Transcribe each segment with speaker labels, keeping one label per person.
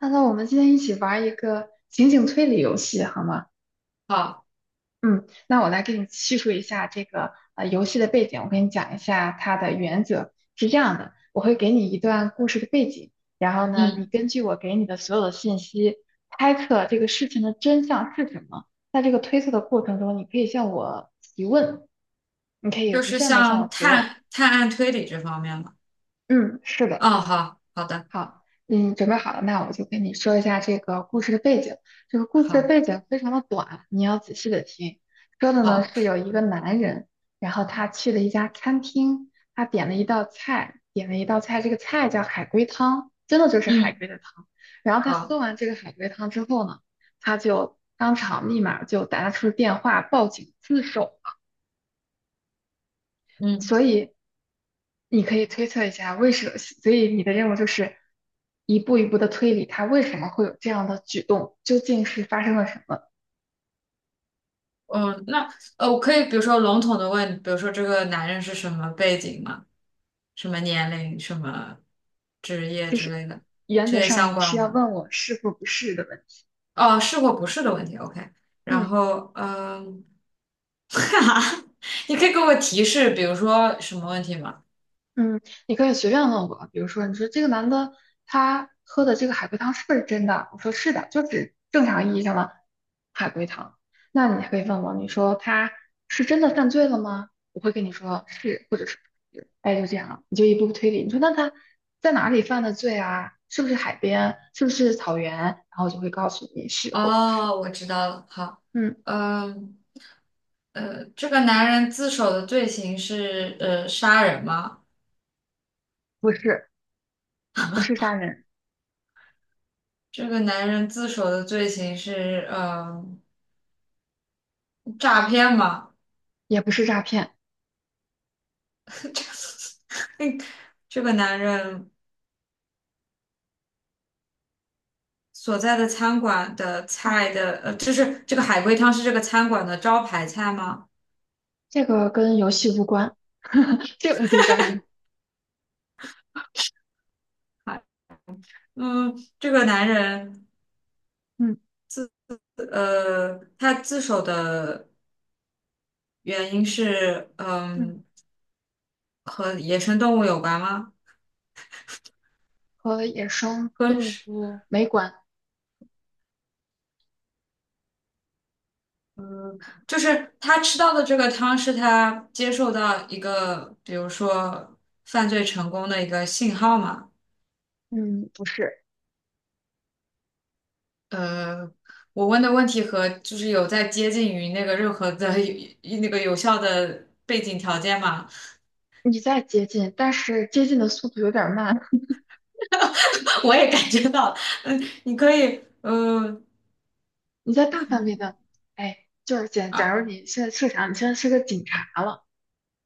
Speaker 1: 那我们今天一起玩一个情景推理游戏，好吗？
Speaker 2: 好，
Speaker 1: 嗯，那我来给你叙述一下这个游戏的背景，我给你讲一下它的原则是这样的，我会给你一段故事的背景，然后呢，你
Speaker 2: 嗯，
Speaker 1: 根据我给你的所有的信息猜测这个事情的真相是什么。在这个推测的过程中，你可以向我提问，你可以
Speaker 2: 就
Speaker 1: 无
Speaker 2: 是
Speaker 1: 限的向我
Speaker 2: 像
Speaker 1: 提问。
Speaker 2: 探案推理这方面嘛。
Speaker 1: 嗯，是的。
Speaker 2: 哦，好，好的，
Speaker 1: 好，嗯，准备好了，那我就跟你说一下这个故事的背景。这个故事的
Speaker 2: 好，
Speaker 1: 背景非常的短，你要仔细的听。说的呢
Speaker 2: 好，
Speaker 1: 是有一个男人，然后他去了一家餐厅，他点了一道菜，这个菜叫海龟汤，真的就是海
Speaker 2: 嗯，
Speaker 1: 龟的汤。然后他喝
Speaker 2: 好，
Speaker 1: 完这个海龟汤之后呢，他就当场立马就打出电话报警自首。
Speaker 2: 嗯，
Speaker 1: 所以你可以推测一下为什么，所以你的任务就是一步一步的推理他为什么会有这样的举动，究竟是发生了什么？
Speaker 2: 嗯，那我可以比如说笼统的问，比如说这个男人是什么背景吗？什么年龄、什么职业
Speaker 1: 就
Speaker 2: 之
Speaker 1: 是
Speaker 2: 类的，
Speaker 1: 原
Speaker 2: 这
Speaker 1: 则
Speaker 2: 些
Speaker 1: 上
Speaker 2: 相
Speaker 1: 你是
Speaker 2: 关
Speaker 1: 要
Speaker 2: 吗？
Speaker 1: 问我是或不是的问题。
Speaker 2: 哦，是或不是的问题，OK。
Speaker 1: 嗯。
Speaker 2: 然后，嗯，哈哈，你可以给我提示，比如说什么问题吗？
Speaker 1: 嗯，你可以随便问我，比如说，你说这个男的他喝的这个海龟汤是不是真的？我说是的，就是正常意义上的海龟汤。那你还可以问我，你说他是真的犯罪了吗？我会跟你说是，或者是不是，哎，就这样了，你就一步步推理。你说那他在哪里犯的罪啊？是不是海边？是不是草原？然后我就会告诉你是或不是。
Speaker 2: 哦，我知道了，好，
Speaker 1: 嗯，
Speaker 2: 嗯。这个男人自首的罪行是杀人吗？
Speaker 1: 不是，不是杀人，
Speaker 2: 这个男人自首的罪行是诈骗吗？
Speaker 1: 也不是诈骗，
Speaker 2: 这个这个男人所在的餐馆的
Speaker 1: 嗯
Speaker 2: 菜的就是这个海龟汤是这个餐馆的招牌菜吗？
Speaker 1: 这个跟游戏无关。这个我可以告诉你。
Speaker 2: 啊，嗯，这个男人
Speaker 1: 嗯。
Speaker 2: 他自首的原因是
Speaker 1: 嗯，
Speaker 2: 和野生动物有关吗？
Speaker 1: 和野生动
Speaker 2: 和
Speaker 1: 物没关。
Speaker 2: 就是他吃到的这个汤是他接受到一个，比如说犯罪成功的一个信号嘛？
Speaker 1: 嗯，不是，
Speaker 2: 呃，我问的问题和就是有在接近于那个任何的有那个有效的背景条件吗？
Speaker 1: 你在接近，但是接近的速度有点儿慢。
Speaker 2: 我也感觉到了，嗯，你可以，
Speaker 1: 你在大范围的，哎，就是假
Speaker 2: 啊，
Speaker 1: 如你现在设想，你现在是个警察了。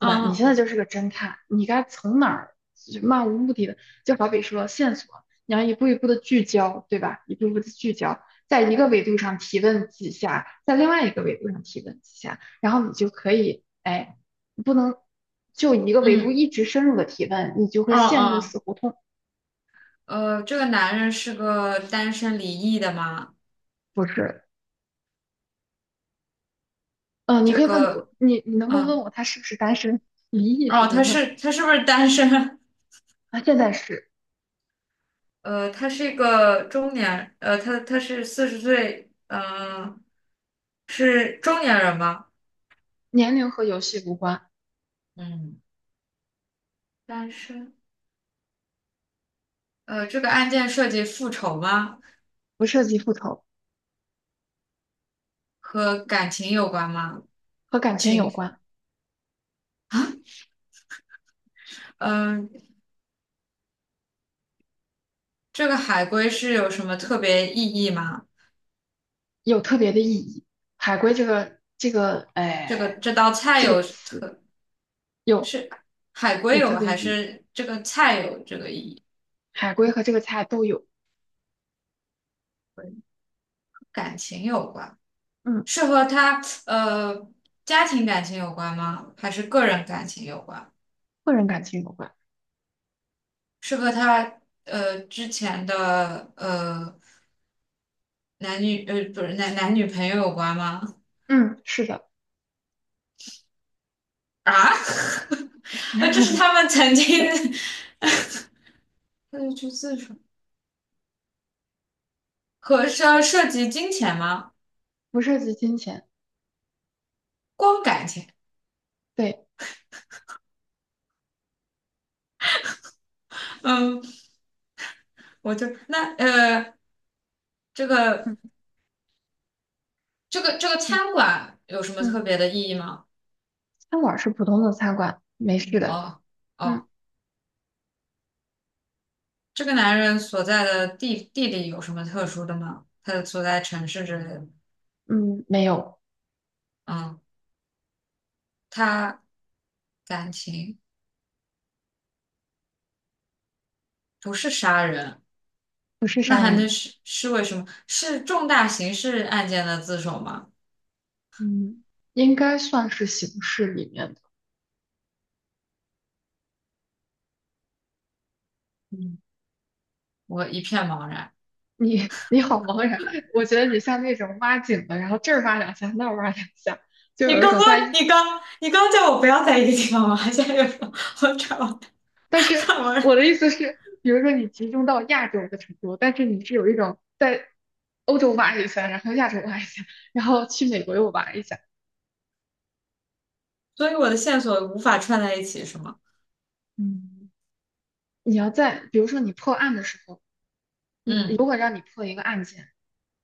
Speaker 1: 对吧？你现
Speaker 2: 啊
Speaker 1: 在就是个侦探，你该从哪儿就漫无目的的，就好比说线索，你要一步一步的聚焦，对吧？一步一步的聚焦，在一个维度上提问几下，在另外一个维度上提问几下，然后你就可以，哎，不能就一个维度
Speaker 2: 嗯
Speaker 1: 一直深入的提问，你就会
Speaker 2: 嗯
Speaker 1: 陷入死
Speaker 2: 嗯，
Speaker 1: 胡同。
Speaker 2: 这个男人是个单身离异的吗？
Speaker 1: 不是，嗯、你
Speaker 2: 这
Speaker 1: 可以问我，
Speaker 2: 个，
Speaker 1: 你能不能问
Speaker 2: 嗯，
Speaker 1: 我他是不是单身？离异不
Speaker 2: 哦，
Speaker 1: 用问，
Speaker 2: 他是不是单身？
Speaker 1: 他现在是，
Speaker 2: 他是一个中年，他是40岁，是中年人吗？
Speaker 1: 年龄和游戏无关，
Speaker 2: 嗯，单身。这个案件涉及复仇吗？
Speaker 1: 不涉及复仇，
Speaker 2: 和感情有关吗？
Speaker 1: 和感情有
Speaker 2: 情，
Speaker 1: 关。
Speaker 2: 嗯、这个海龟是有什么特别意义吗？
Speaker 1: 有特别的意义。海归这个
Speaker 2: 这个
Speaker 1: 哎
Speaker 2: 这道菜
Speaker 1: 这个
Speaker 2: 有
Speaker 1: 词
Speaker 2: 特，
Speaker 1: 有
Speaker 2: 是海龟
Speaker 1: 有
Speaker 2: 有
Speaker 1: 特别
Speaker 2: 还
Speaker 1: 意义，
Speaker 2: 是这个菜有这个意义？
Speaker 1: 海归和这个菜都有，
Speaker 2: 感情有关，
Speaker 1: 嗯，
Speaker 2: 是和他呃家庭感情有关吗？还是个人感情有关？
Speaker 1: 个人感情有关，
Speaker 2: 是和他之前的男女不是男女朋友有关吗？
Speaker 1: 嗯，是的，
Speaker 2: 啊，这是他 们曾经 就去自首 和涉及金钱吗？
Speaker 1: 不涉及金钱，
Speaker 2: 光感情，
Speaker 1: 对，
Speaker 2: 嗯，我就这个
Speaker 1: 嗯
Speaker 2: 这个
Speaker 1: 嗯
Speaker 2: 餐馆有什么特
Speaker 1: 嗯，
Speaker 2: 别的意义吗？
Speaker 1: 餐馆是普通的餐馆，没事的，
Speaker 2: 哦哦，
Speaker 1: 嗯
Speaker 2: 这个男人所在的地理有什么特殊的吗？他的所在城市之类的，
Speaker 1: 嗯，没有，
Speaker 2: 嗯，他感情不是杀人。
Speaker 1: 不是
Speaker 2: 那
Speaker 1: 杀
Speaker 2: 还能
Speaker 1: 人，
Speaker 2: 是为什么？是重大刑事案件的自首吗？
Speaker 1: 嗯，应该算是刑事里面的。
Speaker 2: 嗯，我一片茫然。
Speaker 1: 你你好茫然，我觉得你像那种挖井的，然后这儿挖两下，那儿挖两下，就
Speaker 2: 你
Speaker 1: 有一
Speaker 2: 刚
Speaker 1: 种
Speaker 2: 刚
Speaker 1: 在，
Speaker 2: 你刚刚叫我不要在一个地方玩，现在又说我转弯
Speaker 1: 但是我
Speaker 2: 转
Speaker 1: 的意思是，比如说你集中到亚洲的程度，但是你是有一种在欧洲玩一下，然后亚洲玩一下，然后去美国又玩一下。
Speaker 2: 所以我的线索无法串在一起，是吗？
Speaker 1: 嗯，你要在比如说你破案的时候，你如
Speaker 2: 嗯，
Speaker 1: 果让你破一个案件，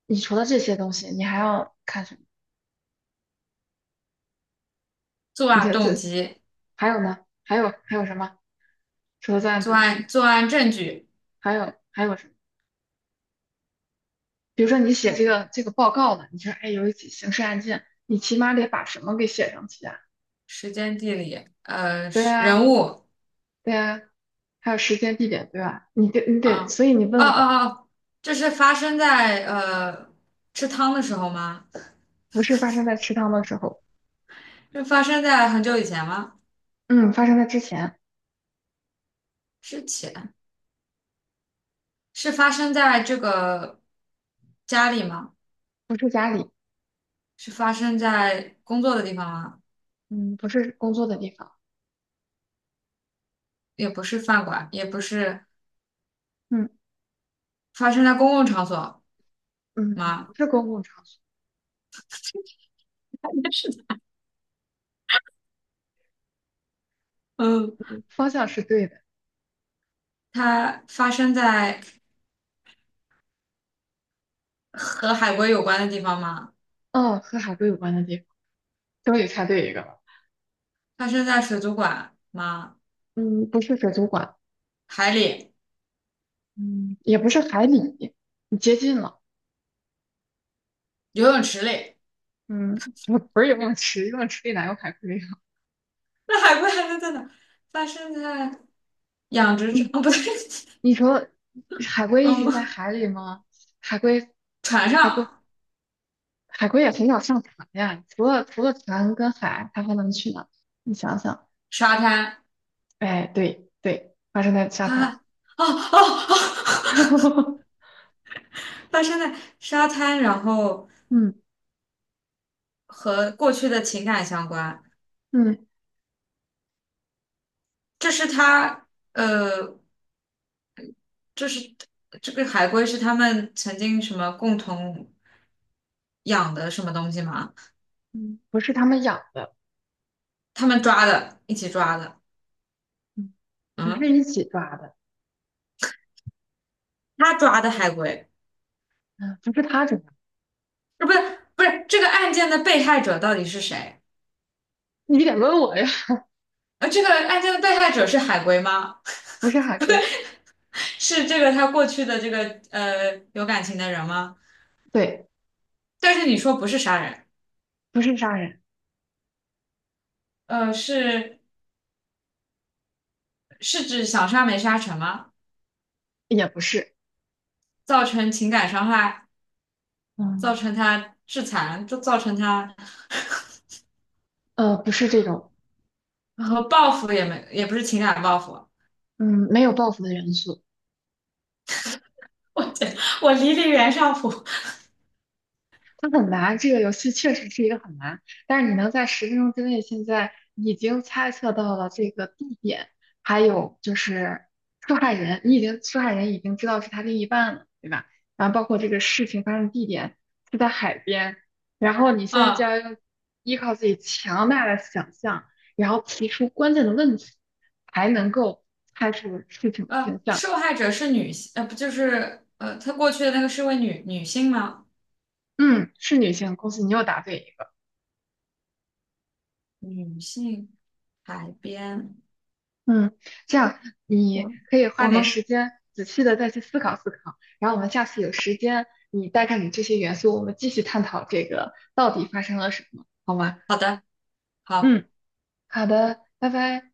Speaker 1: 你除了这些东西，你还要看什么？
Speaker 2: 作
Speaker 1: 你
Speaker 2: 案
Speaker 1: 觉得
Speaker 2: 动
Speaker 1: 这，
Speaker 2: 机、
Speaker 1: 还有呢？还有什么？除了作案毒
Speaker 2: 作
Speaker 1: 品，
Speaker 2: 案作案证据、
Speaker 1: 还有什么？比如说你写这
Speaker 2: 动
Speaker 1: 个这个报告了，你说哎有一起刑事案件，你起码得把什么给写上去啊？
Speaker 2: 时间、地理、
Speaker 1: 对
Speaker 2: 是
Speaker 1: 啊，
Speaker 2: 人物
Speaker 1: 对呀，还有时间、地点，对吧？你得，
Speaker 2: 啊，哦
Speaker 1: 所以你
Speaker 2: 哦
Speaker 1: 问我吧，
Speaker 2: 哦，这是发生在吃汤的时候吗？
Speaker 1: 不是发生在食堂的时候，
Speaker 2: 这发生在很久以前吗？
Speaker 1: 嗯，发生在之前，
Speaker 2: 之前是发生在这个家里吗？
Speaker 1: 不是家里，
Speaker 2: 是发生在工作的地方吗？
Speaker 1: 嗯，不是工作的地方，
Speaker 2: 也不是饭馆，也不是
Speaker 1: 嗯
Speaker 2: 发生在公共场所
Speaker 1: 嗯，不
Speaker 2: 吗？
Speaker 1: 是公共场所，
Speaker 2: 应该是的，嗯，
Speaker 1: 你方向是对的，
Speaker 2: 它发生在和海龟有关的地方吗？
Speaker 1: 嗯，和海龟有关的地方，终于猜对一个了，
Speaker 2: 发生在水族馆吗？
Speaker 1: 嗯，不是水族馆，
Speaker 2: 海里、
Speaker 1: 嗯，也不是海里，你接近了，
Speaker 2: 游泳池里？
Speaker 1: 嗯，也不是游泳池，游泳池里哪有海龟啊？
Speaker 2: 那海龟还能在哪？发生在养 殖场？
Speaker 1: 嗯，
Speaker 2: 哦，不对，
Speaker 1: 你说 海龟一直在
Speaker 2: 嗯，
Speaker 1: 海里吗？海龟。
Speaker 2: 船
Speaker 1: 海龟
Speaker 2: 上、
Speaker 1: 海龟也很少上船呀，除了船跟海，它还能去哪？你想想，
Speaker 2: 沙滩
Speaker 1: 哎，对对，发生在沙
Speaker 2: 啊，
Speaker 1: 滩，
Speaker 2: 哦哦哦，发生在沙滩，然后
Speaker 1: 嗯
Speaker 2: 和过去的情感相关。
Speaker 1: 嗯
Speaker 2: 这是他，呃，这是这个海龟是他们曾经什么共同养的什么东西吗？
Speaker 1: 嗯，不是他们养的，
Speaker 2: 他们抓的，一起抓的。
Speaker 1: 嗯，不是
Speaker 2: 嗯，
Speaker 1: 一起抓的，
Speaker 2: 他抓的海龟，
Speaker 1: 嗯，不是他抓的，
Speaker 2: 不是这个案件的被害者到底是谁？
Speaker 1: 你得问我呀，
Speaker 2: 这个案件的被害者是海龟吗？
Speaker 1: 不是海龟，
Speaker 2: 是这个他过去的这个有感情的人吗？
Speaker 1: 对，
Speaker 2: 但是你说不是杀人，
Speaker 1: 不是杀人，
Speaker 2: 呃，是是指想杀没杀成吗？
Speaker 1: 也不是，
Speaker 2: 造成情感伤害，造
Speaker 1: 嗯，
Speaker 2: 成他致残，就造成他
Speaker 1: 不是这种，
Speaker 2: 然后报复也不是情感报复，
Speaker 1: 嗯，没有报复的元素，
Speaker 2: 我天，我离袁尚普
Speaker 1: 它很难，这个游戏确实是一个很难，但是你能在10分钟之内，现在已经猜测到了这个地点，还有就是受害人，你已经受害人已经知道是他另一半了，对吧？然后包括这个事情发生地点是在海边，然后你现在就
Speaker 2: 啊
Speaker 1: 要用依靠自己强大的想象，然后提出关键的问题，才能够猜出事情的真相。
Speaker 2: 受害者是女性，不就是他过去的那个是位女性吗？
Speaker 1: 嗯，是女性，恭喜你又答对一个。
Speaker 2: 女性海边，
Speaker 1: 嗯，这样你
Speaker 2: 我
Speaker 1: 可以花
Speaker 2: 我
Speaker 1: 点
Speaker 2: 们
Speaker 1: 时间仔细的再去思考思考，然后我们下次有时间，你带上你这些元素，我们继续探讨这个到底发生了什么，好吗？
Speaker 2: 好的好。
Speaker 1: 嗯，好的，拜拜。